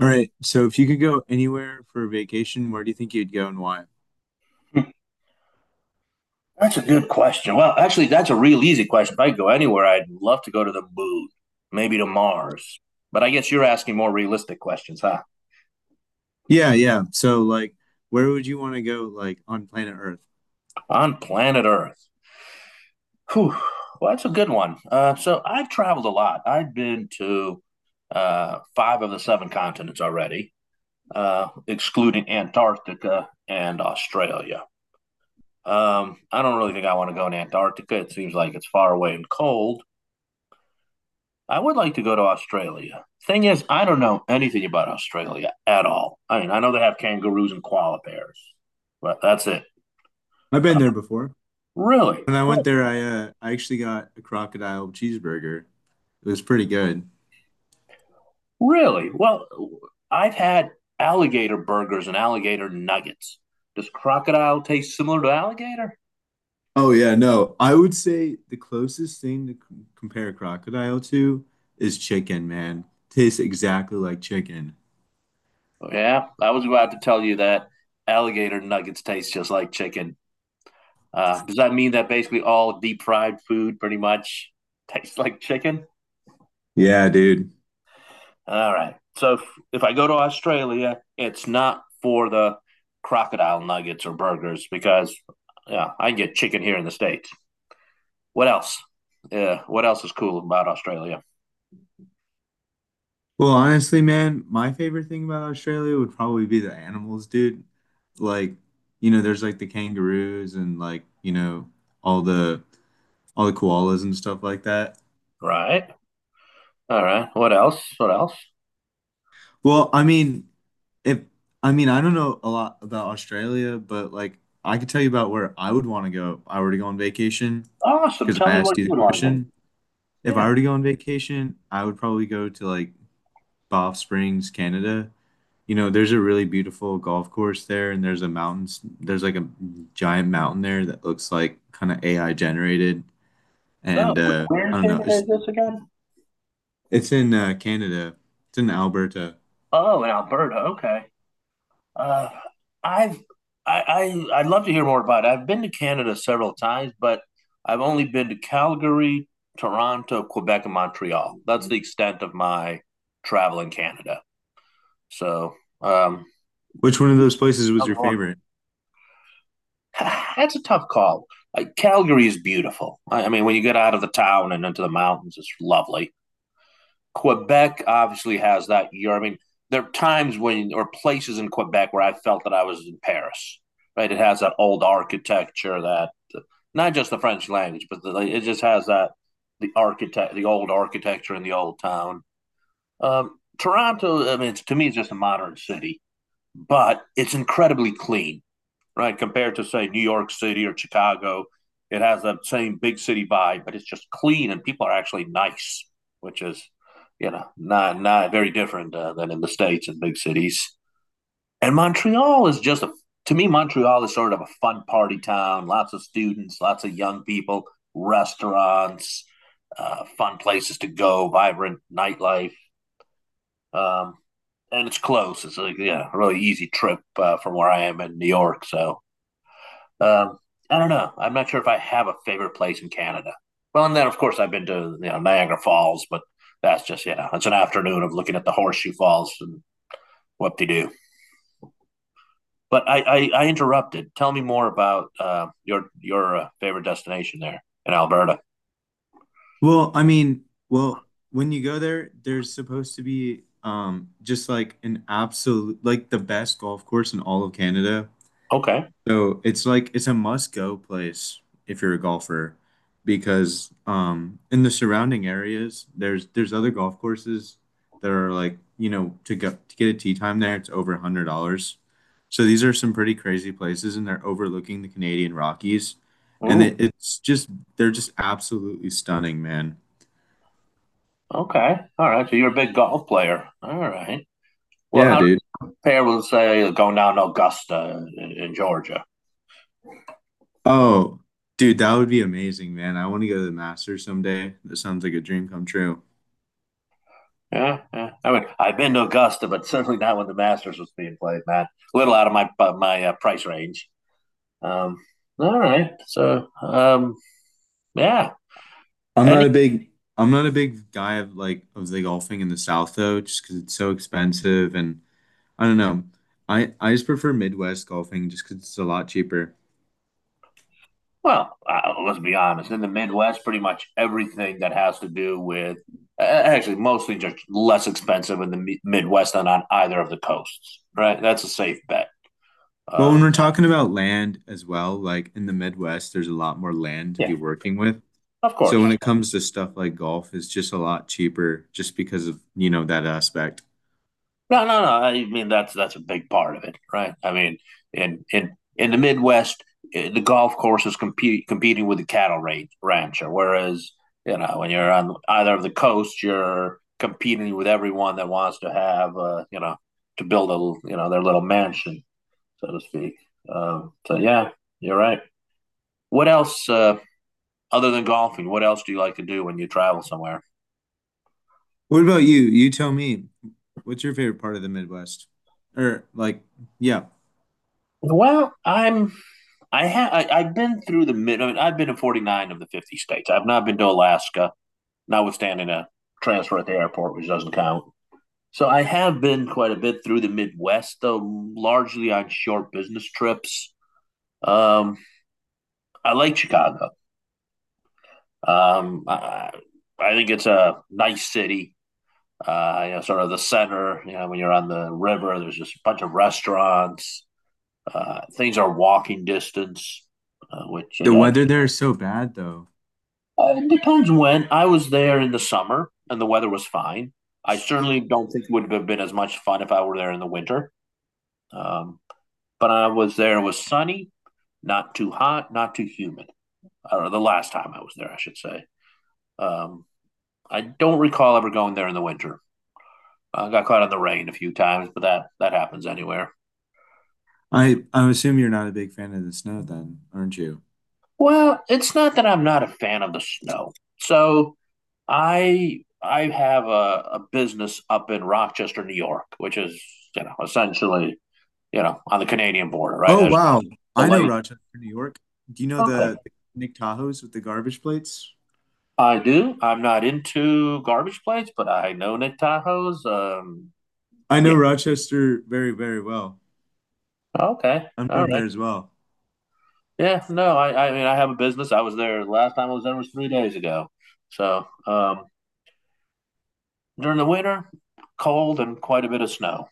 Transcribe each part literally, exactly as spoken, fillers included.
All right. So if you could go anywhere for a vacation, where do you think you'd go and why? That's a good question. Well, actually, that's a real easy question. If I could go anywhere, I'd love to go to the moon, maybe to Mars. But I guess you're asking more realistic questions, huh? Yeah, yeah. So, like, where would you want to go, like, on planet Earth? On planet Earth. Whew. Well, that's a good one. Uh, so I've traveled a lot. I've been to uh, five of the seven continents already, uh, excluding Antarctica and Australia. Um, I don't really think I want to go in Antarctica. It seems like it's far away and cold. I would like to go to Australia. Thing is, I don't know anything about Australia at all. I mean, I know they have kangaroos and koala bears, but that's it. I've been there before. Really? When I Re- went there, I uh, I actually got a crocodile cheeseburger. It was pretty good. Really? Well, I've had alligator burgers and alligator nuggets. Does crocodile taste similar to alligator? Oh yeah, no. I would say the closest thing to c compare crocodile to is chicken, man. Tastes exactly like chicken. Oh, yeah, I was about to tell you that alligator nuggets taste just like chicken. Uh, does that mean that basically all deep fried food pretty much tastes like chicken? Yeah, dude. All right. So if, if I go to Australia, it's not for the crocodile nuggets or burgers because yeah, I can get chicken here in the states. What else? Yeah, what else is cool about Australia? Well, honestly, man, my favorite thing about Australia would probably be the animals, dude. Like, you know, there's like the kangaroos and, like, you know, all the all the koalas and stuff like that. Right. All right. What else? What else? Well, I mean, if I mean, I don't know a lot about Australia, but, like, I could tell you about where I would want to go if I were to go on vacation Awesome. because Tell I me asked what you you the would want to do. question. If I Yeah. were to go on vacation, I would probably go to like Banff Springs, Canada. You know, there's a really beautiful golf course there, and there's a mountains. There's like a giant mountain there that looks like kind of A I generated. No. And uh, Where in I don't know. Canada It's is this again? it's in uh, Canada. It's in Alberta. Oh, in Alberta. Okay. Uh, I've I, I I'd love to hear more about it. I've been to Canada several times, but I've only been to Calgary, Toronto, Quebec, and Montreal. That's the extent of my travel in Canada. So um, Which one of those places was your favorite? that's a tough call. Like Calgary is beautiful. I, I mean, when you get out of the town and into the mountains, it's lovely. Quebec obviously has that year. I mean, there are times when or places in Quebec where I felt that I was in Paris. Right, it has that old architecture that not just the French language, but the, it just has that the architect, the old architecture in the old town. Um, Toronto, I mean, it's, to me, it's just a modern city, but it's incredibly clean, right? Compared to say New York City or Chicago, it has that same big city vibe, but it's just clean and people are actually nice, which is, you know, not not very different uh, than in the states and big cities. And Montreal is just a, to me Montreal is sort of a fun party town. Lots of students, lots of young people, restaurants, uh, fun places to go, vibrant nightlife. Um, and it's close. It's like, yeah, a really easy trip uh, from where I am in New York. So um, I don't know. I'm not sure if I have a favorite place in Canada. Well, and then of course I've been to, you know, Niagara Falls, but that's just, you know, it's an afternoon of looking at the Horseshoe Falls and what they do. But I, I I interrupted. Tell me more about uh, your your uh, favorite destination there in Alberta. Well, I mean, well, when you go there, there's supposed to be um just like an absolute like the best golf course in all of Canada. Okay. So it's like it's a must-go place if you're a golfer because um in the surrounding areas there's there's other golf courses that are like, you know, to go to get a tee time there it's over a hundred dollars. So these are some pretty crazy places and they're overlooking the Canadian Rockies, and Ooh. it, it's just they're just absolutely stunning, man. Okay. All right. So you're a big golf player. All right. Well, how Yeah, do dude. you compare with say going down to Augusta in, in Georgia? Oh, dude, that would be amazing, man. I want to go to the Masters someday. That sounds like a dream come true. Yeah, yeah. I mean, I've been to Augusta, but certainly not when the Masters was being played, man. A little out of my uh, my uh, price range. Um, all right. So, um, yeah. I'm Any not a big I'm not a big guy of like of the golfing in the South, though, just because it's so expensive and I don't know. I I just prefer Midwest golfing just because it's a lot cheaper. Well, uh, let's be honest. In the Midwest, pretty much everything that has to do with uh, actually mostly just less expensive in the mi- Midwest than on either of the coasts. Right. That's a safe bet. But when Um, we're talking about land as well, like in the Midwest, there's a lot more land to yeah, be working with. of So when course. it comes to stuff like golf, it's just a lot cheaper just because of, you know, that aspect. No, no, no. I mean that's that's a big part of it, right? I mean, in in in the Midwest, eh, the golf course is compete, competing with the cattle rancher, whereas, you know, when you're on either of the coasts, you're competing with everyone that wants to have, uh, you know, to build a, you know, their little mansion, so to speak. Um, so yeah, you're right. What else uh, other than golfing? What else do you like to do when you travel somewhere? What about you? You tell me, what's your favorite part of the Midwest? Or, like, yeah. Well, I'm I have. I, I've been through the mid. I mean, I've been in forty nine of the fifty states. I've not been to Alaska, notwithstanding a transfer at the airport, which doesn't count. So I have been quite a bit through the Midwest, though largely on short business trips. Um, I like Chicago. Um, I, I think it's a nice city. Uh, you know, sort of the center. You know, when you're on the river, there's just a bunch of restaurants. Uh, things are walking distance, uh, which The again weather there is so bad though. Uh, it depends when. I was there in the summer and the weather was fine. I certainly don't think it would have been as much fun if I were there in the winter. Um, but I was there, it was sunny, not too hot, not too humid. Or the last time I was there, I should say. Um, I don't recall ever going there in the winter. I got caught in the rain a few times, but that that happens anywhere. I I assume you're not a big fan of the snow then, aren't you? Well, it's not that I'm not a fan of the snow. So I I have a, a business up in Rochester, New York, which is, you know, essentially, you know, on the Canadian border, right? Oh There's wow. the I know lake. Rochester, New York. Do you know the, Okay. the Nick Tahoes with the garbage plates? I do. I'm not into garbage plates, but I know Nick Tahoe's. Um, I know Yeah. Rochester very, very well. Okay. I'm All from right. there as well. Yeah. No, I, I mean, I have a business. I was there Last time I was there was three days ago. So um, during the winter, cold and quite a bit of snow.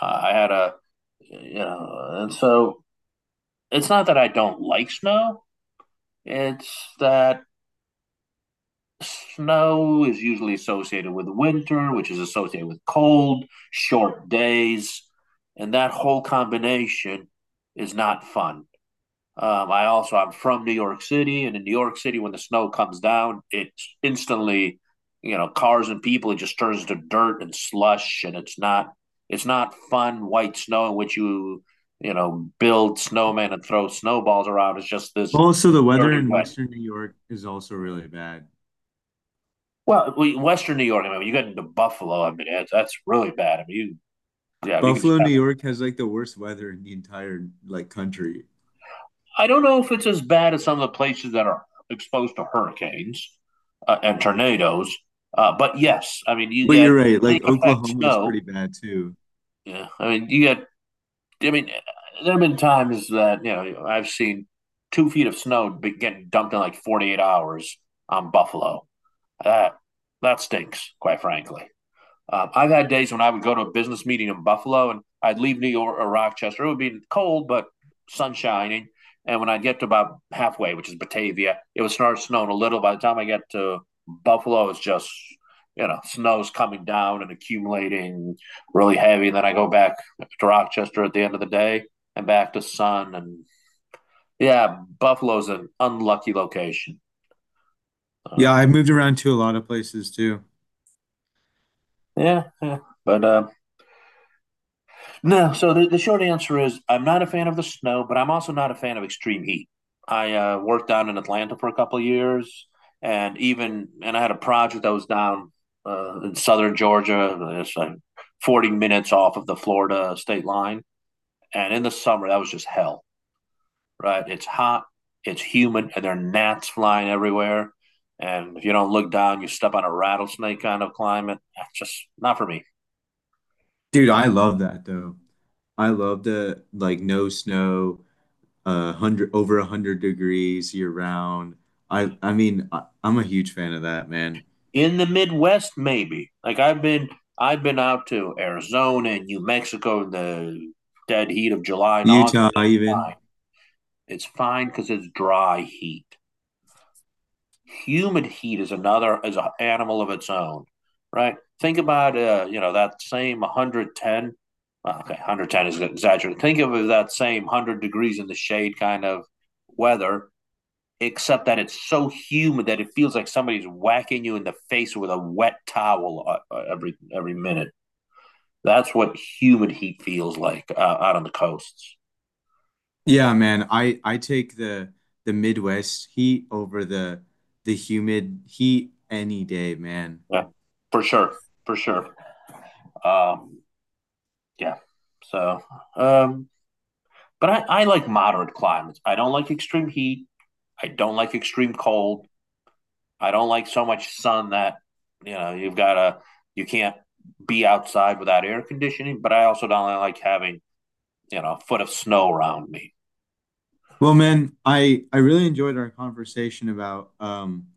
Uh, I had a You know, and so it's not that I don't like snow. It's that snow is usually associated with winter, which is associated with cold, short days, and that whole combination is not fun. Um, I also I'm from New York City, and in New York City, when the snow comes down, it's instantly, you know, cars and people. It just turns to dirt and slush, and it's not it's not fun white snow in which you you know, build snowmen and throw snowballs around. It's just this Also, the weather dirty in wet. Western New York is also really bad. Well, Western New York. I mean, you get into Buffalo. I mean, that's, that's really bad. I mean, you, yeah, you can just Buffalo, New York has like the worst weather in the entire like country. I don't know if it's as bad as some of the places that are exposed to hurricanes uh, and tornadoes. Uh, but yes, I mean, you Well, get you're right. lake Like effect Oklahoma is pretty snow. bad too. Yeah, I mean, you get. I mean, there have been times that, you know, I've seen two feet of snow getting dumped in like forty eight hours on Buffalo. That that stinks, quite frankly. Um, I've had days when I would go to a business meeting in Buffalo and I'd leave New York or Rochester. It would be cold, but sun shining. And when I'd get to about halfway, which is Batavia, it would start snowing a little. By the time I get to Buffalo, it's just, you know, snow's coming down and accumulating really heavy. And then I go back to Rochester at the end of the day and back to sun. And yeah, Buffalo's an unlucky location. Yeah, Uh, I moved around to a lot of places too. yeah, yeah. But uh, no, so the, the short answer is I'm not a fan of the snow, but I'm also not a fan of extreme heat. I uh, worked down in Atlanta for a couple of years, and even and I had a project that was down uh, in southern Georgia. It's like forty minutes off of the Florida state line, and in the summer that was just hell. Right? It's hot, it's humid, and there are gnats flying everywhere. And if you don't look down, you step on a rattlesnake kind of climate. That's just not for me. Dude, Uh, I love that though. I love the like no snow. uh, hundred over a hundred degrees year round. I I mean I, I'm a huge fan of that, man. in the Midwest, maybe. Like I've been I've been out to Arizona and New Mexico in the dead heat of July and August. Utah even. It's fine because it's dry heat. Humid heat is another is an animal of its own, right? Think about uh, you know, that same a hundred and ten. Well, okay, a hundred and ten is exaggerated. Think of that same a hundred degrees in the shade kind of weather except that it's so humid that it feels like somebody's whacking you in the face with a wet towel, uh, uh, every every minute. That's what humid heat feels like uh, out on the coasts. Yeah, man. I I take the the Midwest heat over the the humid heat any day, man. Yeah, for sure, for sure. Um, yeah. So, um, but I, I like moderate climates. I don't like extreme heat. I don't like extreme cold. I don't like so much sun that, you know, you've got to, you can't be outside without air conditioning. But I also don't like having, you know, a foot of snow around me. Well, man, I I really enjoyed our conversation about um,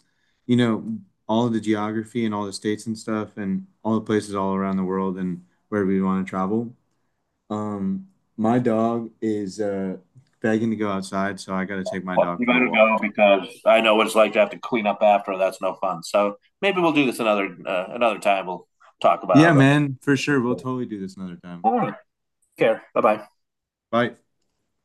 you know, all of the geography and all the states and stuff and all the places all around the world and where we want to travel. Um, my dog is uh begging to go outside, so I gotta take my dog You for got a to go walk. because I know what it's like to have to clean up after. That's no fun. So maybe we'll do this another, uh, another time. We'll talk Yeah, about man, for sure. We'll it. totally do this another time. All right. Take care. Bye bye. Bye.